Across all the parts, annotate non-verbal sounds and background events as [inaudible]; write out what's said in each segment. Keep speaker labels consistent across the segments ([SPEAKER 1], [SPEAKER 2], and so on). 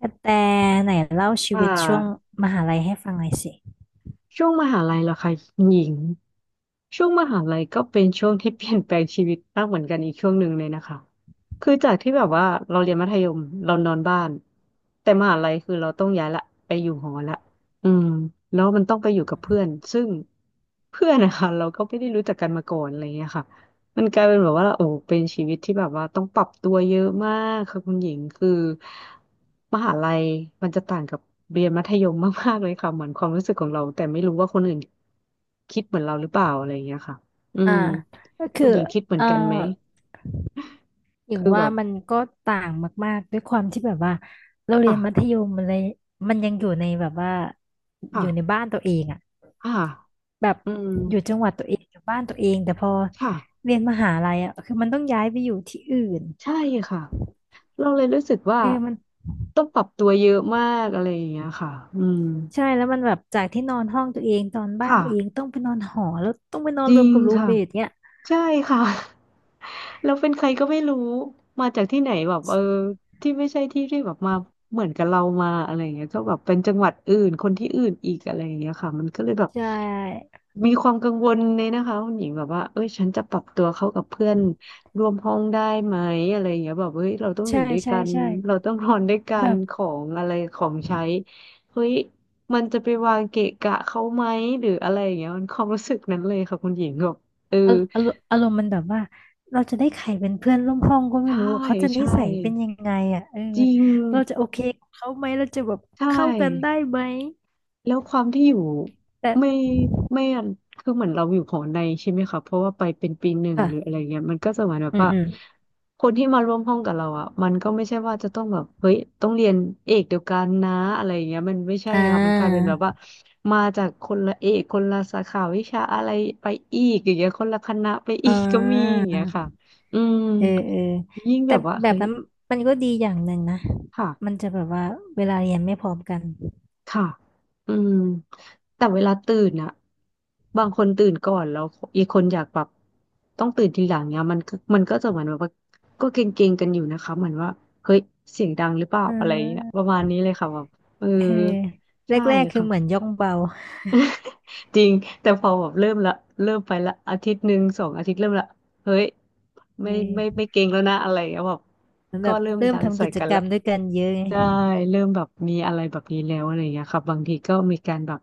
[SPEAKER 1] กระแตไหนเล่าชี
[SPEAKER 2] อ่
[SPEAKER 1] วิตช่วง
[SPEAKER 2] า
[SPEAKER 1] มหาลัยให้ฟังหน่อยสิ
[SPEAKER 2] ช่วงมหาลัยเหรอคะหญิงช่วงมหาลัยก็เป็นช่วงที่เปลี่ยนแปลงชีวิตมากเหมือนกันอีกช่วงหนึ่งเลยนะคะคือจากที่แบบว่าเราเรียนมัธยมเรานอนบ้านแต่มหาลัยคือเราต้องย้ายละไปอยู่หอละอืมแล้วมันต้องไปอยู่กับเพื่อนซึ่งเพื่อนนะคะเราก็ไม่ได้รู้จักกันมาก่อนอะไรเงี้ยค่ะ มันกลายเป็นแบบว่าโอ้เป็นชีวิตที่แบบว่าต้องปรับตัวเยอะมากค่ะคุณหญิงคือมหาลัยมันจะต่างกับเรียนมัธยมมากๆเลยค่ะเหมือนความรู้สึกของเราแต่ไม่รู้ว่าคนอื่นคิดเหมือนเราหรือเปล่าอะไรอย่างเงี้ยค่ะอื
[SPEAKER 1] อ่า
[SPEAKER 2] ม
[SPEAKER 1] ก็คื
[SPEAKER 2] คุ
[SPEAKER 1] อ
[SPEAKER 2] ณหญิงคิดเหมือ
[SPEAKER 1] เอ่
[SPEAKER 2] น
[SPEAKER 1] อ
[SPEAKER 2] กันไหม
[SPEAKER 1] อย่าง
[SPEAKER 2] คือแบ
[SPEAKER 1] ว่า
[SPEAKER 2] บ
[SPEAKER 1] มันก็ต่างมากๆด้วยความที่แบบว่าเราเรี
[SPEAKER 2] อ่ะ
[SPEAKER 1] ยนมัธยมมันเลยมันยังอยู่ในแบบว่าอ
[SPEAKER 2] ค่ะ
[SPEAKER 1] ยู่ในบ้านตัวเองอ่ะ
[SPEAKER 2] อ่ะ
[SPEAKER 1] แบบ
[SPEAKER 2] อืม
[SPEAKER 1] อยู่จังหวัดตัวเองอยู่บ้านตัวเอง แต่พอ
[SPEAKER 2] ค่ะ
[SPEAKER 1] เรียนมหาลัยอ่ะคือมันต้องย้ายไปอยู่ที่อื่น
[SPEAKER 2] ใช่ค่ะเราเลยรู้สึกว่า
[SPEAKER 1] เออมัน
[SPEAKER 2] ต้องปรับตัวเยอะมากอะไรอย่างเงี้ยค่ะอืม
[SPEAKER 1] ใช่แล้วมันแบบจากที่นอนห้องตัวเองตอนบ้าน
[SPEAKER 2] ค่ะ
[SPEAKER 1] ตัวเองต้องไปนอนหอแล้วต้องไปนอ
[SPEAKER 2] จ
[SPEAKER 1] น
[SPEAKER 2] ริ
[SPEAKER 1] รวม
[SPEAKER 2] ง
[SPEAKER 1] กับรูม
[SPEAKER 2] ค่ะ
[SPEAKER 1] เมทเนี้ย
[SPEAKER 2] ใช่ค่ะ [laughs] แล้วเป็นใครก็ไม่รู้มาจากที่ไหนแบบเออที่ไม่ใช่ที่ที่แบบมาเหมือนกับเรามาอะไรอย่างเงี้ยก็แบบเป็นจังหวัดอื่นคนที่อื่นอีกอะไรอย่างเงี้ยค่ะมันก็เลยแบบ
[SPEAKER 1] ใช่
[SPEAKER 2] มีความกังวลเลยนะคะคุณหญิงแบบว่าเอ้ยฉันจะปรับตัวเข้ากับเพื่อนร่วมห้องได้ไหมอะไรอย่างเงี้ยแบบเฮ้ยเราต้องอ
[SPEAKER 1] ใช่
[SPEAKER 2] ยู่ด้วย
[SPEAKER 1] ใช่
[SPEAKER 2] กัน
[SPEAKER 1] ใช่
[SPEAKER 2] เราต้องนอนด้วยกั
[SPEAKER 1] แบ
[SPEAKER 2] น
[SPEAKER 1] บ
[SPEAKER 2] ของอะไรของใช้เฮ้ยมันจะไปวางเกะกะเขาไหมหรืออะไรอย่างเงี้ยมันความรู้สึกนั้นเลยค่ะคุณหญิงแบบเออ
[SPEAKER 1] อารมณ์มันแบบว่าเราจะได้ใครเป็นเพื่อนร่วมห้องก็ไม่
[SPEAKER 2] ใช่
[SPEAKER 1] รู้เขาจะนิ
[SPEAKER 2] ใช่
[SPEAKER 1] สัยเป็นยังไงอ่ะเออ
[SPEAKER 2] จริง
[SPEAKER 1] เราจะโอเคกับเขาไหมเราจะแบบ
[SPEAKER 2] ใช
[SPEAKER 1] เข้ากันได้
[SPEAKER 2] ่
[SPEAKER 1] ไหม
[SPEAKER 2] แล้วความที่อยู่
[SPEAKER 1] แต่
[SPEAKER 2] ไม่ไม่คือเหมือนเราอยู่หอในใช่ไหมคะเพราะว่าไปเป็นปีหนึ่ง
[SPEAKER 1] อ่ะ
[SPEAKER 2] หรืออะไรเงี้ยมันก็จะเหมือนแบบ
[SPEAKER 1] อืม
[SPEAKER 2] ว่า
[SPEAKER 1] อืม
[SPEAKER 2] คนที่มาร่วมห้องกับเราอ่ะมันก็ไม่ใช่ว่าจะต้องแบบเฮ้ยต้องเรียนเอกเดียวกันนะอะไรเงี้ยมันไม่ใช่
[SPEAKER 1] อ่
[SPEAKER 2] ครับมันกลายเป็น
[SPEAKER 1] า
[SPEAKER 2] แบบว่ามาจากคนละเอกคนละสาขาวิชาอะไรไปอีกอย่างเงี้ยคนละคณะไปอี
[SPEAKER 1] อ่
[SPEAKER 2] กก็มีอ
[SPEAKER 1] า
[SPEAKER 2] ย่างเงี้ยค่ะอืม
[SPEAKER 1] เออเออ
[SPEAKER 2] ยิ่งแบ
[SPEAKER 1] แต่
[SPEAKER 2] บว่า
[SPEAKER 1] แบบ
[SPEAKER 2] เฮ้ย
[SPEAKER 1] นั้นมันก็ดีอย่างหนึ่งนะมัน
[SPEAKER 2] ค่ะ
[SPEAKER 1] จะแบบว่าเวลาเรียนไม่พร้อมกัน
[SPEAKER 2] ค่ะอืมแต่เวลาตื่นอะบางคนตื่นก่อนแล้วอีกคนอยากแบบต้องตื่นทีหลังเนี่ยมันก็จะเหมือนแบบว่าก็เกรงๆกันอยู่นะคะเหมือนว่าเฮ้ยเสียงดังหรือเปล่า
[SPEAKER 1] อ่
[SPEAKER 2] อะไรอย่างเงี้ย
[SPEAKER 1] า
[SPEAKER 2] ประมาณนี้เลยค่ะแบบเออ
[SPEAKER 1] เออ
[SPEAKER 2] ใช่
[SPEAKER 1] แรกๆคือเหมือน
[SPEAKER 2] ค่ะ
[SPEAKER 1] ย่องเบา
[SPEAKER 2] จริงแต่พอแบบเริ่มละเริ่มไปละอาทิตย์หนึ่งสองอาทิตย์เริ่มละเฮ้ย
[SPEAKER 1] เ
[SPEAKER 2] ไม่
[SPEAKER 1] ออ
[SPEAKER 2] เกงแล้วนะอะไรอย่างเงี้ยแบบ
[SPEAKER 1] เหมือน
[SPEAKER 2] ก็
[SPEAKER 1] แบบ
[SPEAKER 2] เริ่ม
[SPEAKER 1] เริ่ม
[SPEAKER 2] ดัง
[SPEAKER 1] ทำ
[SPEAKER 2] ใส่
[SPEAKER 1] กิจ
[SPEAKER 2] กัน
[SPEAKER 1] กร
[SPEAKER 2] ละ
[SPEAKER 1] รมด้วยกันเยอะไง
[SPEAKER 2] ใช่เริ่มแบบมีอะไรแบบนี้แล้วอะไรอย่างเงี้ยครับบางทีก็มีการแบบ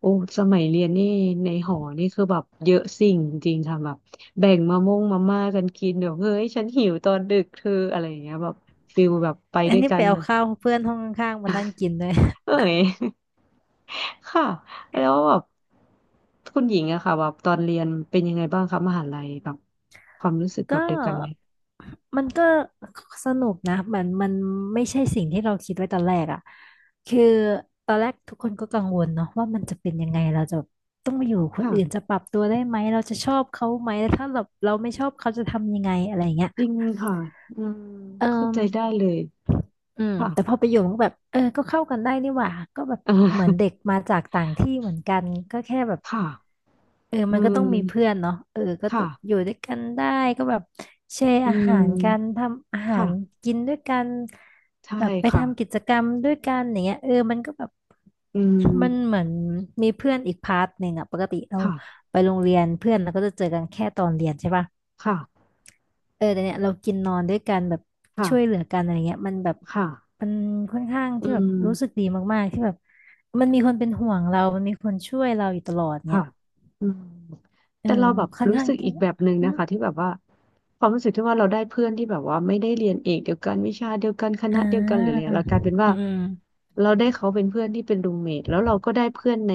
[SPEAKER 2] โอ้สมัยเรียนนี่ในหอนี่คือแบบเยอะสิ่งจริงๆค่ะแบบแบ่งมะม่วงมาม่ากันกินเดี๋ยวเฮ้ยฉันหิวตอนดึกเธออะไรอย่างเงี้ยแบบฟิลแบบไป
[SPEAKER 1] อั
[SPEAKER 2] ด้
[SPEAKER 1] น
[SPEAKER 2] วย
[SPEAKER 1] นี้
[SPEAKER 2] กั
[SPEAKER 1] ไป
[SPEAKER 2] น
[SPEAKER 1] เอา
[SPEAKER 2] นะ
[SPEAKER 1] ข้าวเพื่อนห้องข้างๆมานั่งกินด้วย [laughs]
[SPEAKER 2] เอ้ย [laughs] ค่ะแล้วแบบคุณหญิงอะค่ะแบบตอนเรียนเป็นยังไงบ้างคะมหาลัยแบบความรู้สึกแบ
[SPEAKER 1] ก็
[SPEAKER 2] บเดียวกันไหม
[SPEAKER 1] มันก็สนุกนะมันไม่ใช่สิ่งที่เราคิดไว้ตอนแรกอ่ะคือตอนแรกทุกคนก็กังวลเนาะว่ามันจะเป็นยังไงเราจะต้องมาอยู่กับคนอื่นจะ
[SPEAKER 2] ค่ะ
[SPEAKER 1] ปรับตัวได้ไหมเราจะชอบเขาไหมแล้วถ้าแบบเราไม่ชอบเขาจะทำยังไงอะไรยงเงี้ย
[SPEAKER 2] จริงค่ะอืม
[SPEAKER 1] เอ
[SPEAKER 2] เข้าใจได้
[SPEAKER 1] อ
[SPEAKER 2] เลย
[SPEAKER 1] อืม
[SPEAKER 2] ค่ะ
[SPEAKER 1] แต่พอไปอยู่มันก็แบบเออก็เข้ากันได้นี่หว่าก็แบบเหมือนเด็กมาจากต่างที่เหมือนกันก็แค่แบบ
[SPEAKER 2] [laughs] ค่ะ
[SPEAKER 1] เออ
[SPEAKER 2] อื
[SPEAKER 1] มันก็ต้อง
[SPEAKER 2] ม
[SPEAKER 1] มีเพื่อนเนาะเออก็
[SPEAKER 2] ค่ะ
[SPEAKER 1] อยู่ด้วยกันได้ก็แบบแชร์
[SPEAKER 2] อื
[SPEAKER 1] อาหารกัน
[SPEAKER 2] ม
[SPEAKER 1] ทำอาหาร
[SPEAKER 2] ค่ะ
[SPEAKER 1] กินด้วยกัน
[SPEAKER 2] ใช่
[SPEAKER 1] แบบไป
[SPEAKER 2] ค่ะ
[SPEAKER 1] ทำกิจกรรมด้วยกันอย่างเงี้ยเออมันก็แบบ
[SPEAKER 2] อื
[SPEAKER 1] มันเห
[SPEAKER 2] ม
[SPEAKER 1] มือนมีเพื่อนอีกพาร์ทหนึ่งอะปกติเรา
[SPEAKER 2] ค่ะ
[SPEAKER 1] ไปโรงเรียนเพื่อนเราก็จะเจอกันแค่ตอนเรียนใช่ปะ
[SPEAKER 2] ค่ะ
[SPEAKER 1] เออแต่เนี่ยเรากินนอนด้วยกันแบบ
[SPEAKER 2] ค่ะ
[SPEAKER 1] ช่วยเหลือกันอะไรเงี้ยมันแบบ
[SPEAKER 2] ค่ะ
[SPEAKER 1] มันค่อนข้าง
[SPEAKER 2] อื
[SPEAKER 1] ที่แบบรู้สึก
[SPEAKER 2] ม
[SPEAKER 1] ดีมากๆที่แบบมันมีคนเป็นห่วงเรามันมีคนช่วยเราอยู่ตลอด
[SPEAKER 2] ค่ะ
[SPEAKER 1] เนี่ย
[SPEAKER 2] อืม
[SPEAKER 1] เออ
[SPEAKER 2] แต่เราแบบ
[SPEAKER 1] ค่อน
[SPEAKER 2] รู้
[SPEAKER 1] ข้าง
[SPEAKER 2] สึกอี
[SPEAKER 1] ที่
[SPEAKER 2] กแบบหนึ่ง
[SPEAKER 1] อื
[SPEAKER 2] นะ
[SPEAKER 1] ม
[SPEAKER 2] คะที่แบบว่าความรู้สึกที่ว่าเราได้เพื่อนที่แบบว่าไม่ได้เรียนเอกเดียวกันวิชาเดียวกันค
[SPEAKER 1] อ่
[SPEAKER 2] ณะเดียวกันหรืออะไร
[SPEAKER 1] า
[SPEAKER 2] เรากลายเป็นว่า
[SPEAKER 1] อืมอืม
[SPEAKER 2] เราได้เขาเป็นเพื่อนที่เป็นรูมเมทแล้วเราก็ได้เพื่อนใน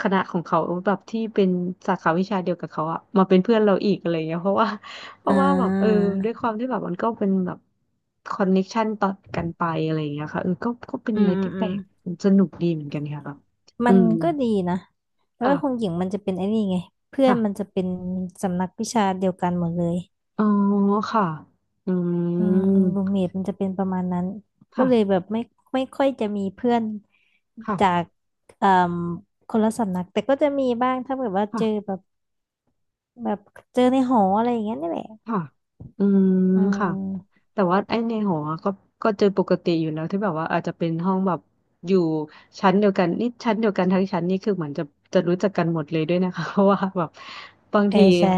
[SPEAKER 2] คณะของเขาแบบที่เป็นสาขาวิชาเดียวกับเขาอะมาเป็นเพื่อนเราอีกอะไรเงี้ยเพราะว่าเพ
[SPEAKER 1] อ่
[SPEAKER 2] ราะว่าแบบเออ
[SPEAKER 1] า
[SPEAKER 2] ด้วยความที่แบบมันก็เป็นแบบคอนเน็กชันต่อกันไปอะไรเงี้ยค่ะเออก็ก็เป็น
[SPEAKER 1] อื
[SPEAKER 2] อะ
[SPEAKER 1] ม
[SPEAKER 2] ไร
[SPEAKER 1] อืม
[SPEAKER 2] ที่
[SPEAKER 1] อื
[SPEAKER 2] แปล
[SPEAKER 1] ม
[SPEAKER 2] กสนุกดีเหมือนกันค่ะแบบอื
[SPEAKER 1] มัน
[SPEAKER 2] ม
[SPEAKER 1] ก็ดีนะแต่ว่าคง
[SPEAKER 2] ค
[SPEAKER 1] หญิงมันจะเป็นไอ้นี่ไงเพื่อน
[SPEAKER 2] ่ะ
[SPEAKER 1] มันจะเป็นสำนักวิชาเดียวกันหมดเลย
[SPEAKER 2] อ๋อค่ะอื
[SPEAKER 1] อืมรูม
[SPEAKER 2] ม
[SPEAKER 1] เมทมันจะเป็นประมาณนั้น ก็เลย
[SPEAKER 2] ค่ะ
[SPEAKER 1] แบบไม่ค่อยจะมีเพื่อนจา
[SPEAKER 2] ค่ะ
[SPEAKER 1] กเอ่มคนละสำนักแต่ก็จะมีบ้างถ้าแบบว่า
[SPEAKER 2] ค่ะ
[SPEAKER 1] เจอแบบแบบเจอในหออะไรอย่างเงี้ยนี่แหละ
[SPEAKER 2] ค่ะอืม
[SPEAKER 1] อื
[SPEAKER 2] ค่ะ
[SPEAKER 1] ม
[SPEAKER 2] แต่ว่าไอ้ในหอก็ก็เจอปกติอยู่แล้วที่แบบว่าอาจจะเป็นห้องแบบอยู่ชั้นเดียวกันนี่ชั้นเดียวกันทั้งชั้นนี่คือเหมือนจะจะรู้จักกันหมดเลยด้วยนะคะ [laughs] เพราะว่าแบบบาง
[SPEAKER 1] เออ
[SPEAKER 2] ที
[SPEAKER 1] ใช่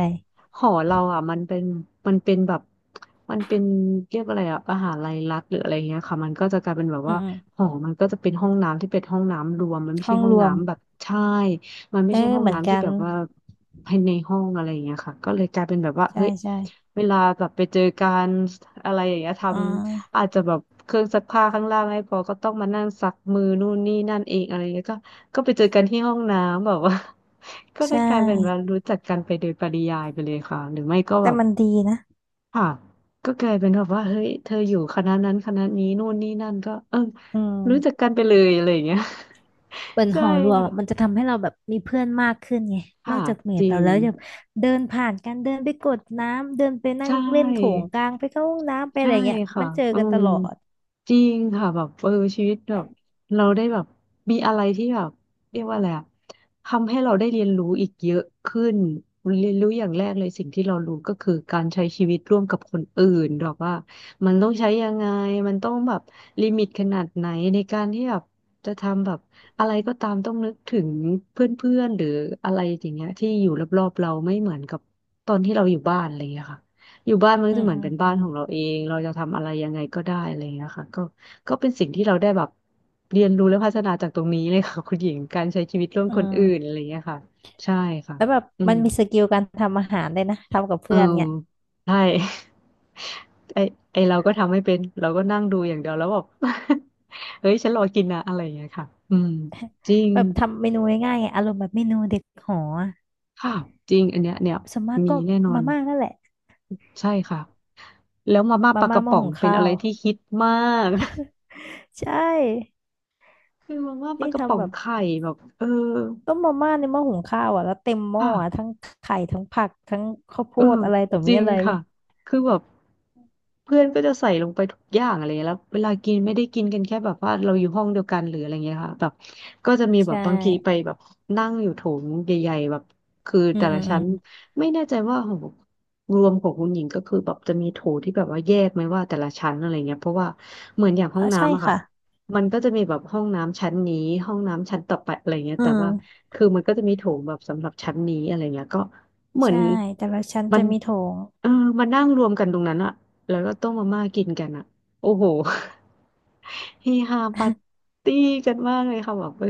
[SPEAKER 2] หอเราอ่ะมันเป็นแบบมันเป็นเรียกอะไรอ่ะมหาลัยรัฐหรืออะไรเงี้ยค่ะมันก็จะกลายเป็นแบบ
[SPEAKER 1] อื
[SPEAKER 2] ว่า
[SPEAKER 1] มอืม
[SPEAKER 2] หอมันก็จะเป็นห้องน้ำที่เป็นห้องน้ำรวมมันไม่
[SPEAKER 1] ห้
[SPEAKER 2] ใช่
[SPEAKER 1] อง
[SPEAKER 2] ห้อ
[SPEAKER 1] ร
[SPEAKER 2] ง
[SPEAKER 1] วม
[SPEAKER 2] น้ำแบบใช่ มันไม่
[SPEAKER 1] เออ
[SPEAKER 2] ใช่ห้อง
[SPEAKER 1] เหมือน
[SPEAKER 2] น้ำ
[SPEAKER 1] กั
[SPEAKER 2] ที่แบ
[SPEAKER 1] น
[SPEAKER 2] บว่าภายในห้องอะไรอย่างเงี้ยค่ะก็เลยกลายเป็นแบบว่า
[SPEAKER 1] ใช่
[SPEAKER 2] เฮ้ย
[SPEAKER 1] ใช่
[SPEAKER 2] เวลาแบบไปเจอการอะไรอย่างเงี้ยท
[SPEAKER 1] อ่
[SPEAKER 2] ำ
[SPEAKER 1] า
[SPEAKER 2] อาจจะแบบเครื่องซักผ้าข้างล่างให้พอก็ต้องมานั่งซักมือนู่นนี่นั่นเองอะไรเงี้ยก็ก็ไปเจอกันที่ห้องน้ำแบบว่า [laughs] ก็ได้
[SPEAKER 1] ใช่
[SPEAKER 2] กลายเป็นว่ารู้จักกันไปโดยปริยายไปเลยค่ะหรือไม่ก็แบ
[SPEAKER 1] แต่
[SPEAKER 2] บ
[SPEAKER 1] มันดีนะ
[SPEAKER 2] ค่ะก็กลายเป็นแบบว่าเฮ้ยเธออยู่คณะนั้นคณะนี้นู่นนี่นั่นก็เออ
[SPEAKER 1] อื
[SPEAKER 2] รู้จัก
[SPEAKER 1] ม
[SPEAKER 2] กันไปเลยอะไรอย่างเงี้ย
[SPEAKER 1] เหมือน
[SPEAKER 2] [laughs] ใช่
[SPEAKER 1] หอรวม
[SPEAKER 2] ค่ะ
[SPEAKER 1] อะมันจะทำให้เราแบบมีเพื่อนมากขึ้นไงน
[SPEAKER 2] ค่ะ
[SPEAKER 1] อกจากเม
[SPEAKER 2] จ
[SPEAKER 1] ท
[SPEAKER 2] ริ
[SPEAKER 1] เรา
[SPEAKER 2] ง
[SPEAKER 1] แล้วยังเดินผ่านกันเดินไปกดน้ำเดินไป
[SPEAKER 2] ใช
[SPEAKER 1] นั่งเล่นโถง
[SPEAKER 2] ่
[SPEAKER 1] กลางไปเข้าห้องน้ำไปอะ
[SPEAKER 2] ใช่
[SPEAKER 1] ไรเงี้ย
[SPEAKER 2] ค่ะ
[SPEAKER 1] มันเจอ
[SPEAKER 2] อื
[SPEAKER 1] กันต
[SPEAKER 2] ม
[SPEAKER 1] ลอด
[SPEAKER 2] จริงค่ะแบบเออชีวิตแบบเราได้แบบมีอะไรที่แบบเรียกว่าอะไรอะทำให้เราได้เรียนรู้อีกเยอะขึ้นเรียนรู้อย่างแรกเลยสิ่งที่เรารู้ก็คือการใช้ชีวิตร่วมกับคนอื่นแบบว่ามันต้องใช้ยังไงมันต้องแบบลิมิตขนาดไหนในการที่แบบจะทำแบบอะไรก็ตามต้องนึกถึงเพื่อนๆหรืออะไรอย่างเงี้ยที่อยู่รอบๆเราไม่เหมือนกับตอนที่เราอยู่บ้านอะไรอย่างเงี้ยค่ะ อยู่บ้านมันก็
[SPEAKER 1] อื
[SPEAKER 2] จะ
[SPEAKER 1] ม
[SPEAKER 2] เหมือ
[SPEAKER 1] อื
[SPEAKER 2] น
[SPEAKER 1] ม
[SPEAKER 2] เป็นบ้า
[SPEAKER 1] อื
[SPEAKER 2] น
[SPEAKER 1] ม
[SPEAKER 2] ของเราเองเราจะทำอะไรยังไงก็ได้อะไรอย่างเงี้ยค่ะก็ก็เป็นสิ่งที่เราได้แบบเรียนรู้และพัฒนาจากตรงนี้เลยค่ะคุณหญิงการใช้ชีวิตร่วม
[SPEAKER 1] อื
[SPEAKER 2] คนอื่น
[SPEAKER 1] ม
[SPEAKER 2] อะไรอย่างเงี้ยค่ะใช่ค่ะ
[SPEAKER 1] แล้วแบบ
[SPEAKER 2] อื
[SPEAKER 1] มั
[SPEAKER 2] ม
[SPEAKER 1] นมีสกิลการทำอาหารเ้ยนะทำกับ
[SPEAKER 2] เออ
[SPEAKER 1] เพื่อนเนี่ย
[SPEAKER 2] ใช่ [laughs] ไอไอเราก็ทำไม่เป็นเราก็นั่งดูอย่างเดียวแล้วแบบ [laughs] เฮ้ยฉันรอกินนะอะไรอย่างเงี้ยค่ะอืมจริง
[SPEAKER 1] [laughs] แบบทำเมนูง่ายๆไงอารมณ์แบบเมนูเด็กหออะ
[SPEAKER 2] ค่ะจริงอันเนี้ยเนี่ย
[SPEAKER 1] ส่วนมาก
[SPEAKER 2] มี
[SPEAKER 1] ก็
[SPEAKER 2] แน่นอ
[SPEAKER 1] มา
[SPEAKER 2] น
[SPEAKER 1] ม่านั่นแหละ
[SPEAKER 2] ใช่ค่ะแล้วมาม่า
[SPEAKER 1] มา
[SPEAKER 2] ปลาก
[SPEAKER 1] ม่า
[SPEAKER 2] ระ
[SPEAKER 1] หมา
[SPEAKER 2] ป๋อ
[SPEAKER 1] หุ
[SPEAKER 2] ง
[SPEAKER 1] ง
[SPEAKER 2] เป็น
[SPEAKER 1] ข้า
[SPEAKER 2] อะไร
[SPEAKER 1] ว
[SPEAKER 2] ที่ฮิตมาก
[SPEAKER 1] ใช่
[SPEAKER 2] คือมันว่าปลา
[SPEAKER 1] นี่
[SPEAKER 2] กระป๋
[SPEAKER 1] ทำ
[SPEAKER 2] อ
[SPEAKER 1] แบ
[SPEAKER 2] ง
[SPEAKER 1] บ
[SPEAKER 2] ไข่แบบเออ
[SPEAKER 1] ต้มมาม่าในหม้อหุงข้าวอ่ะแล้วเต็มหม้อ
[SPEAKER 2] ค่ะ
[SPEAKER 1] อ่ะทั้งไข่ทั้งผักทั้งข้าวโพ
[SPEAKER 2] เออ
[SPEAKER 1] ดอะไรต่อ
[SPEAKER 2] จ
[SPEAKER 1] มี
[SPEAKER 2] ริง
[SPEAKER 1] อะไร
[SPEAKER 2] ค่ะคือแบบเพื่อนก็จะใส่ลงไปทุกอย่างอะไรเงี้ยแล้วเวลากินไม่ได้กินกันแค่แบบว่าเราอยู่ห้องเดียวกันหรืออะไรเงี้ยค่ะแบบก็จะมี
[SPEAKER 1] ใช
[SPEAKER 2] แบบบางทีไป
[SPEAKER 1] ่
[SPEAKER 2] แบบนั่งอยู่โถงใหญ่ๆแบบคือ
[SPEAKER 1] อื
[SPEAKER 2] แต่
[SPEAKER 1] มอื
[SPEAKER 2] ละ
[SPEAKER 1] มอื
[SPEAKER 2] ชั้
[SPEAKER 1] ม
[SPEAKER 2] นไม่แน่ใจว่าของรวมของคุณหญิงก็คือแบบจะมีโถที่แบบว่าแยกไหมว่าแต่ละชั้นอะไรเงี้ยเพราะว่าเหมือนอย่างห้อ
[SPEAKER 1] อ๋อ
[SPEAKER 2] ง
[SPEAKER 1] ใช่
[SPEAKER 2] น้ำอะค่ะ
[SPEAKER 1] ค่ะ
[SPEAKER 2] มันก็จะมีแบบห้องน้ำชั้นนี้ห้องน้ำชั้นต่อไปอะไรเงี้ย
[SPEAKER 1] อื
[SPEAKER 2] แต่ว่า
[SPEAKER 1] ม
[SPEAKER 2] คือมันก็จะมีโถงแบบสำหรับชั้นนี้อะไรเงี้ยก็ เหมือน
[SPEAKER 1] ใช่แต่ละชั้น
[SPEAKER 2] มั
[SPEAKER 1] จะ
[SPEAKER 2] น
[SPEAKER 1] มีโถง
[SPEAKER 2] เออมานั่งรวมกันตรงนั้นอะแล้วก็ต้มมาม่ากินกันอะโอ้โห [laughs] เฮฮาปาร์ตี้กันมากเลยค่ะแบบเออ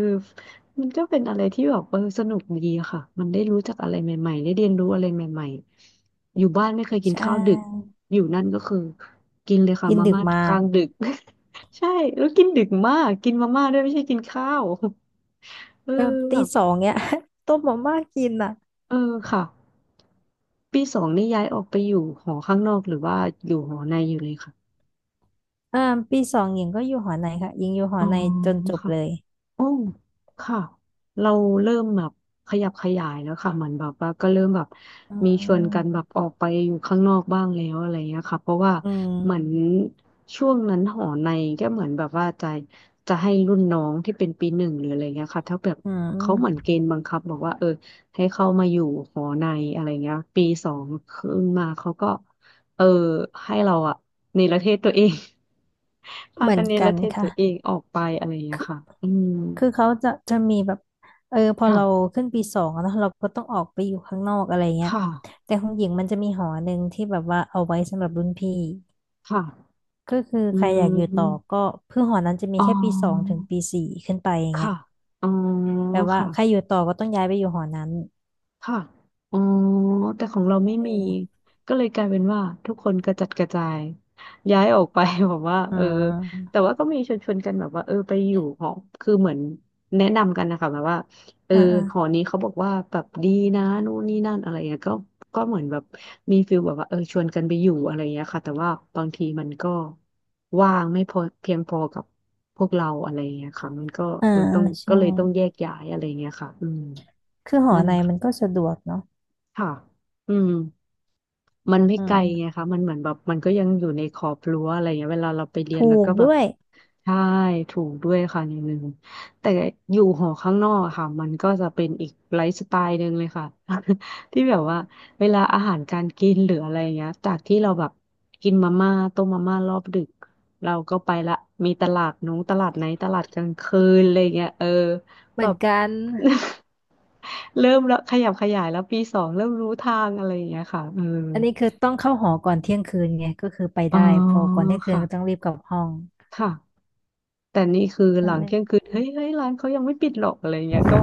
[SPEAKER 2] มันก็เป็นอะไรที่แบบเออสนุกดีอะค่ะมันได้รู้จักอะไรใหม่ๆได้เรียนรู้อะไรใหม่ๆอยู่บ้านไม่เคยกิน
[SPEAKER 1] ใช
[SPEAKER 2] ข้าวดึก
[SPEAKER 1] ่
[SPEAKER 2] อยู่นั่นก็คือกินเลยค่ะ
[SPEAKER 1] กิน
[SPEAKER 2] มา
[SPEAKER 1] ดึก
[SPEAKER 2] ม่า
[SPEAKER 1] มา
[SPEAKER 2] กลา
[SPEAKER 1] ก
[SPEAKER 2] งดึก [laughs] ใช่แล้วกินดึกมากกินมาม่าด้วยไม่ใช่กินข้าว [laughs] เออ
[SPEAKER 1] แบบตี
[SPEAKER 2] แบบ
[SPEAKER 1] สองเนี่ย [laughs] ต้มมาม่ากินอ่ะ
[SPEAKER 2] เออค่ะ ปีสองนี่ย้ายออกไปอยู่หอข้างนอกหรือว่าอยู่หอในอยู่เลยค่ะ
[SPEAKER 1] อ่าปีสองหญิงก็อยู่หอในค่ะหญิงอยู่หอ
[SPEAKER 2] อ๋อ
[SPEAKER 1] ในจนจบ
[SPEAKER 2] ค่ะ
[SPEAKER 1] เลย
[SPEAKER 2] โอ้ ค่ะเราเริ่มแบบขยับขยายแล้วค่ะเหมือนแบบว่าก็เริ่มแบบ
[SPEAKER 1] อื
[SPEAKER 2] มีชวนกัน
[SPEAKER 1] ม
[SPEAKER 2] แบบออกไปอยู่ข้างนอกบ้างแล้วอะไรเงี้ยค่ะเพราะว่า
[SPEAKER 1] อื
[SPEAKER 2] เหมือน
[SPEAKER 1] ม
[SPEAKER 2] ช่วงนั้นหอในก็เหมือนแบบว่าจะให้รุ่นน้องที่เป็นปีหนึ่งหรืออะไรเงี้ยค่ะถ้าแบบ
[SPEAKER 1] อื
[SPEAKER 2] เขาเหมือน
[SPEAKER 1] ม
[SPEAKER 2] เกณฑ์บังคับบอกว่าเออให้เข้ามาอยู่หอในอะไรเงี้ยปีสองขึ้นมาเขาก็เออให้เราอะเนรเทศตัวเอง [laughs] พา
[SPEAKER 1] เหมือ
[SPEAKER 2] กั
[SPEAKER 1] น
[SPEAKER 2] นเนร
[SPEAKER 1] กัน
[SPEAKER 2] เทศ
[SPEAKER 1] ค่ะ
[SPEAKER 2] ตัวเองออกไปอะไรเงี้ยค่ะอืม
[SPEAKER 1] คือเขาจะมีแบบเออพอ
[SPEAKER 2] ค่ะ
[SPEAKER 1] เราขึ้นปีสองอะเนอะเราก็ต้องออกไปอยู่ข้างนอกอะไรเงี้ย
[SPEAKER 2] ค่ะ
[SPEAKER 1] แต่ของหญิงมันจะมีหอหนึ่งที่แบบว่าเอาไว้สำหรับรุ่นพี่
[SPEAKER 2] ค่ะ
[SPEAKER 1] ก็คือ
[SPEAKER 2] อื
[SPEAKER 1] ใครอยากอยู่ต่อ
[SPEAKER 2] ม
[SPEAKER 1] ก็คือหอนั้นจะมี
[SPEAKER 2] อ๋อ
[SPEAKER 1] แค่ปีสองถึงปี 4ขึ้นไปอย่างเงี้
[SPEAKER 2] ค่ะ
[SPEAKER 1] ย
[SPEAKER 2] อ๋อ
[SPEAKER 1] แปลว่า
[SPEAKER 2] ค่ะ
[SPEAKER 1] ใครอยู่ต่อก็ต้องย้ายไปอยู่หอนั้น
[SPEAKER 2] ค่ะอ๋อแต่ของเราไม่
[SPEAKER 1] เอื
[SPEAKER 2] มี
[SPEAKER 1] ม
[SPEAKER 2] ก็เลยกลายเป็นว่าทุกคนกระจัดกระจายย้ายออกไป [laughs] แบบว่า
[SPEAKER 1] อ่
[SPEAKER 2] เออ
[SPEAKER 1] า
[SPEAKER 2] แต่ว่าก็มีชวนกันแบบว่าเออไปอยู่หอคือเหมือนแนะนำกันนะคะแบบว่าเออ
[SPEAKER 1] อ่าอ
[SPEAKER 2] หอนี้เขาบอกว่าแบบดีนะนู่นนี่นั่นอะไรเงี้ยก็ก็เหมือนแบบมีฟิลแบบว่าเออชวนกันไปอยู่อะไรเงี้ยค่ะแต่ว่าบางทีมันก็ว่างไม่พอเพียงพอกับพวกเราอะไรเงี้ยค่ะมันก็
[SPEAKER 1] ่า
[SPEAKER 2] มันต้องก็
[SPEAKER 1] ใช่
[SPEAKER 2] เลยต้องแยกย้ายอะไรเงี้ยค่ะอืม
[SPEAKER 1] คือหอ
[SPEAKER 2] นั่น
[SPEAKER 1] ในมันก็สะดวกเนาะ
[SPEAKER 2] ค่ะ อืมมันไม่
[SPEAKER 1] อื
[SPEAKER 2] ไกลไง
[SPEAKER 1] ม
[SPEAKER 2] คะมันเหมือนแบบมันก็ยังอยู่ในขอบรั้วอะไรเงี้ยเวลาเราไปเรียน
[SPEAKER 1] ถู
[SPEAKER 2] แล้ว
[SPEAKER 1] ก
[SPEAKER 2] ก็แบบ
[SPEAKER 1] ด้วย
[SPEAKER 2] ใช่ถูกด้วยค่ะอย่างหนึ่งแต่อยู่หอข้างนอกอะค่ะมันก็จะเป็นอีกไลฟ์สไตล์หนึ่งเลยค่ะ [laughs] ที่แบบว่าเวลาอาหารการกินหรืออะไรเงี้ยจากที่เราแบบกินมาม่าต้มมาม่ารอบดึกเราก็ไปละมีตลาดนู้นตลาดไหนตลาดกลางคืนอะไรเงี้ยเออ
[SPEAKER 1] เห
[SPEAKER 2] แบ
[SPEAKER 1] มือน
[SPEAKER 2] บ
[SPEAKER 1] กัน
[SPEAKER 2] [laughs] [laughs] เริ่มแล้วขยับขยายแล้วปีสองเริ่มรู้ทางอะไรอย่างเงี้ยค่ะเออ
[SPEAKER 1] อันนี้คือต้องเข้าหอก่อนเที่ยงคืนไงก็คือไป
[SPEAKER 2] อ๋อ
[SPEAKER 1] ได้พอก่อนเที่ยงคืนก็ต้อ
[SPEAKER 2] ค่ะ
[SPEAKER 1] งรีบกลับห้อง
[SPEAKER 2] ค่ะแต่นี่คือห
[SPEAKER 1] นั่น
[SPEAKER 2] ลัง
[SPEAKER 1] แหละ
[SPEAKER 2] เที่ยงคืนเฮ้ยร้านเขายังไม่ปิดหรอกอะไรอย่างเงี้ยก็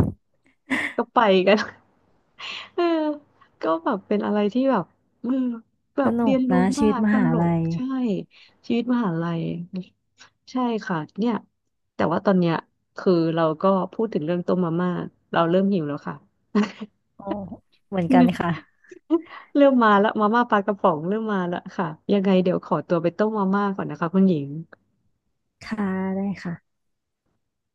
[SPEAKER 2] ก็ไปกัน [laughs] เออก็แบบเป็นอะไรที่แบบเออแบ
[SPEAKER 1] ส
[SPEAKER 2] บ
[SPEAKER 1] นุ
[SPEAKER 2] เรี
[SPEAKER 1] ก
[SPEAKER 2] ยนรู้
[SPEAKER 1] นะชี
[SPEAKER 2] มา
[SPEAKER 1] วิต
[SPEAKER 2] ก
[SPEAKER 1] ม
[SPEAKER 2] ต
[SPEAKER 1] หา
[SPEAKER 2] ล
[SPEAKER 1] ลั
[SPEAKER 2] ก
[SPEAKER 1] ย
[SPEAKER 2] ใช่ชีวิตมหาลัยใช่ค่ะเนี่ยแต่ว่าตอนเนี้ยคือเราก็พูดถึงเรื่องต้มมาม่าเราเริ่มหิวแล้วค่ะ
[SPEAKER 1] โอ้เหมือนกันค่ะ
[SPEAKER 2] [laughs] [laughs] เริ่มมาละมาม่าปลากระป๋องเริ่มมาละค่ะยังไงเดี๋ยวขอตัวไปต้มมาม่าก่อนนะคะคุณหญิง
[SPEAKER 1] ค่ะได้ค่ะ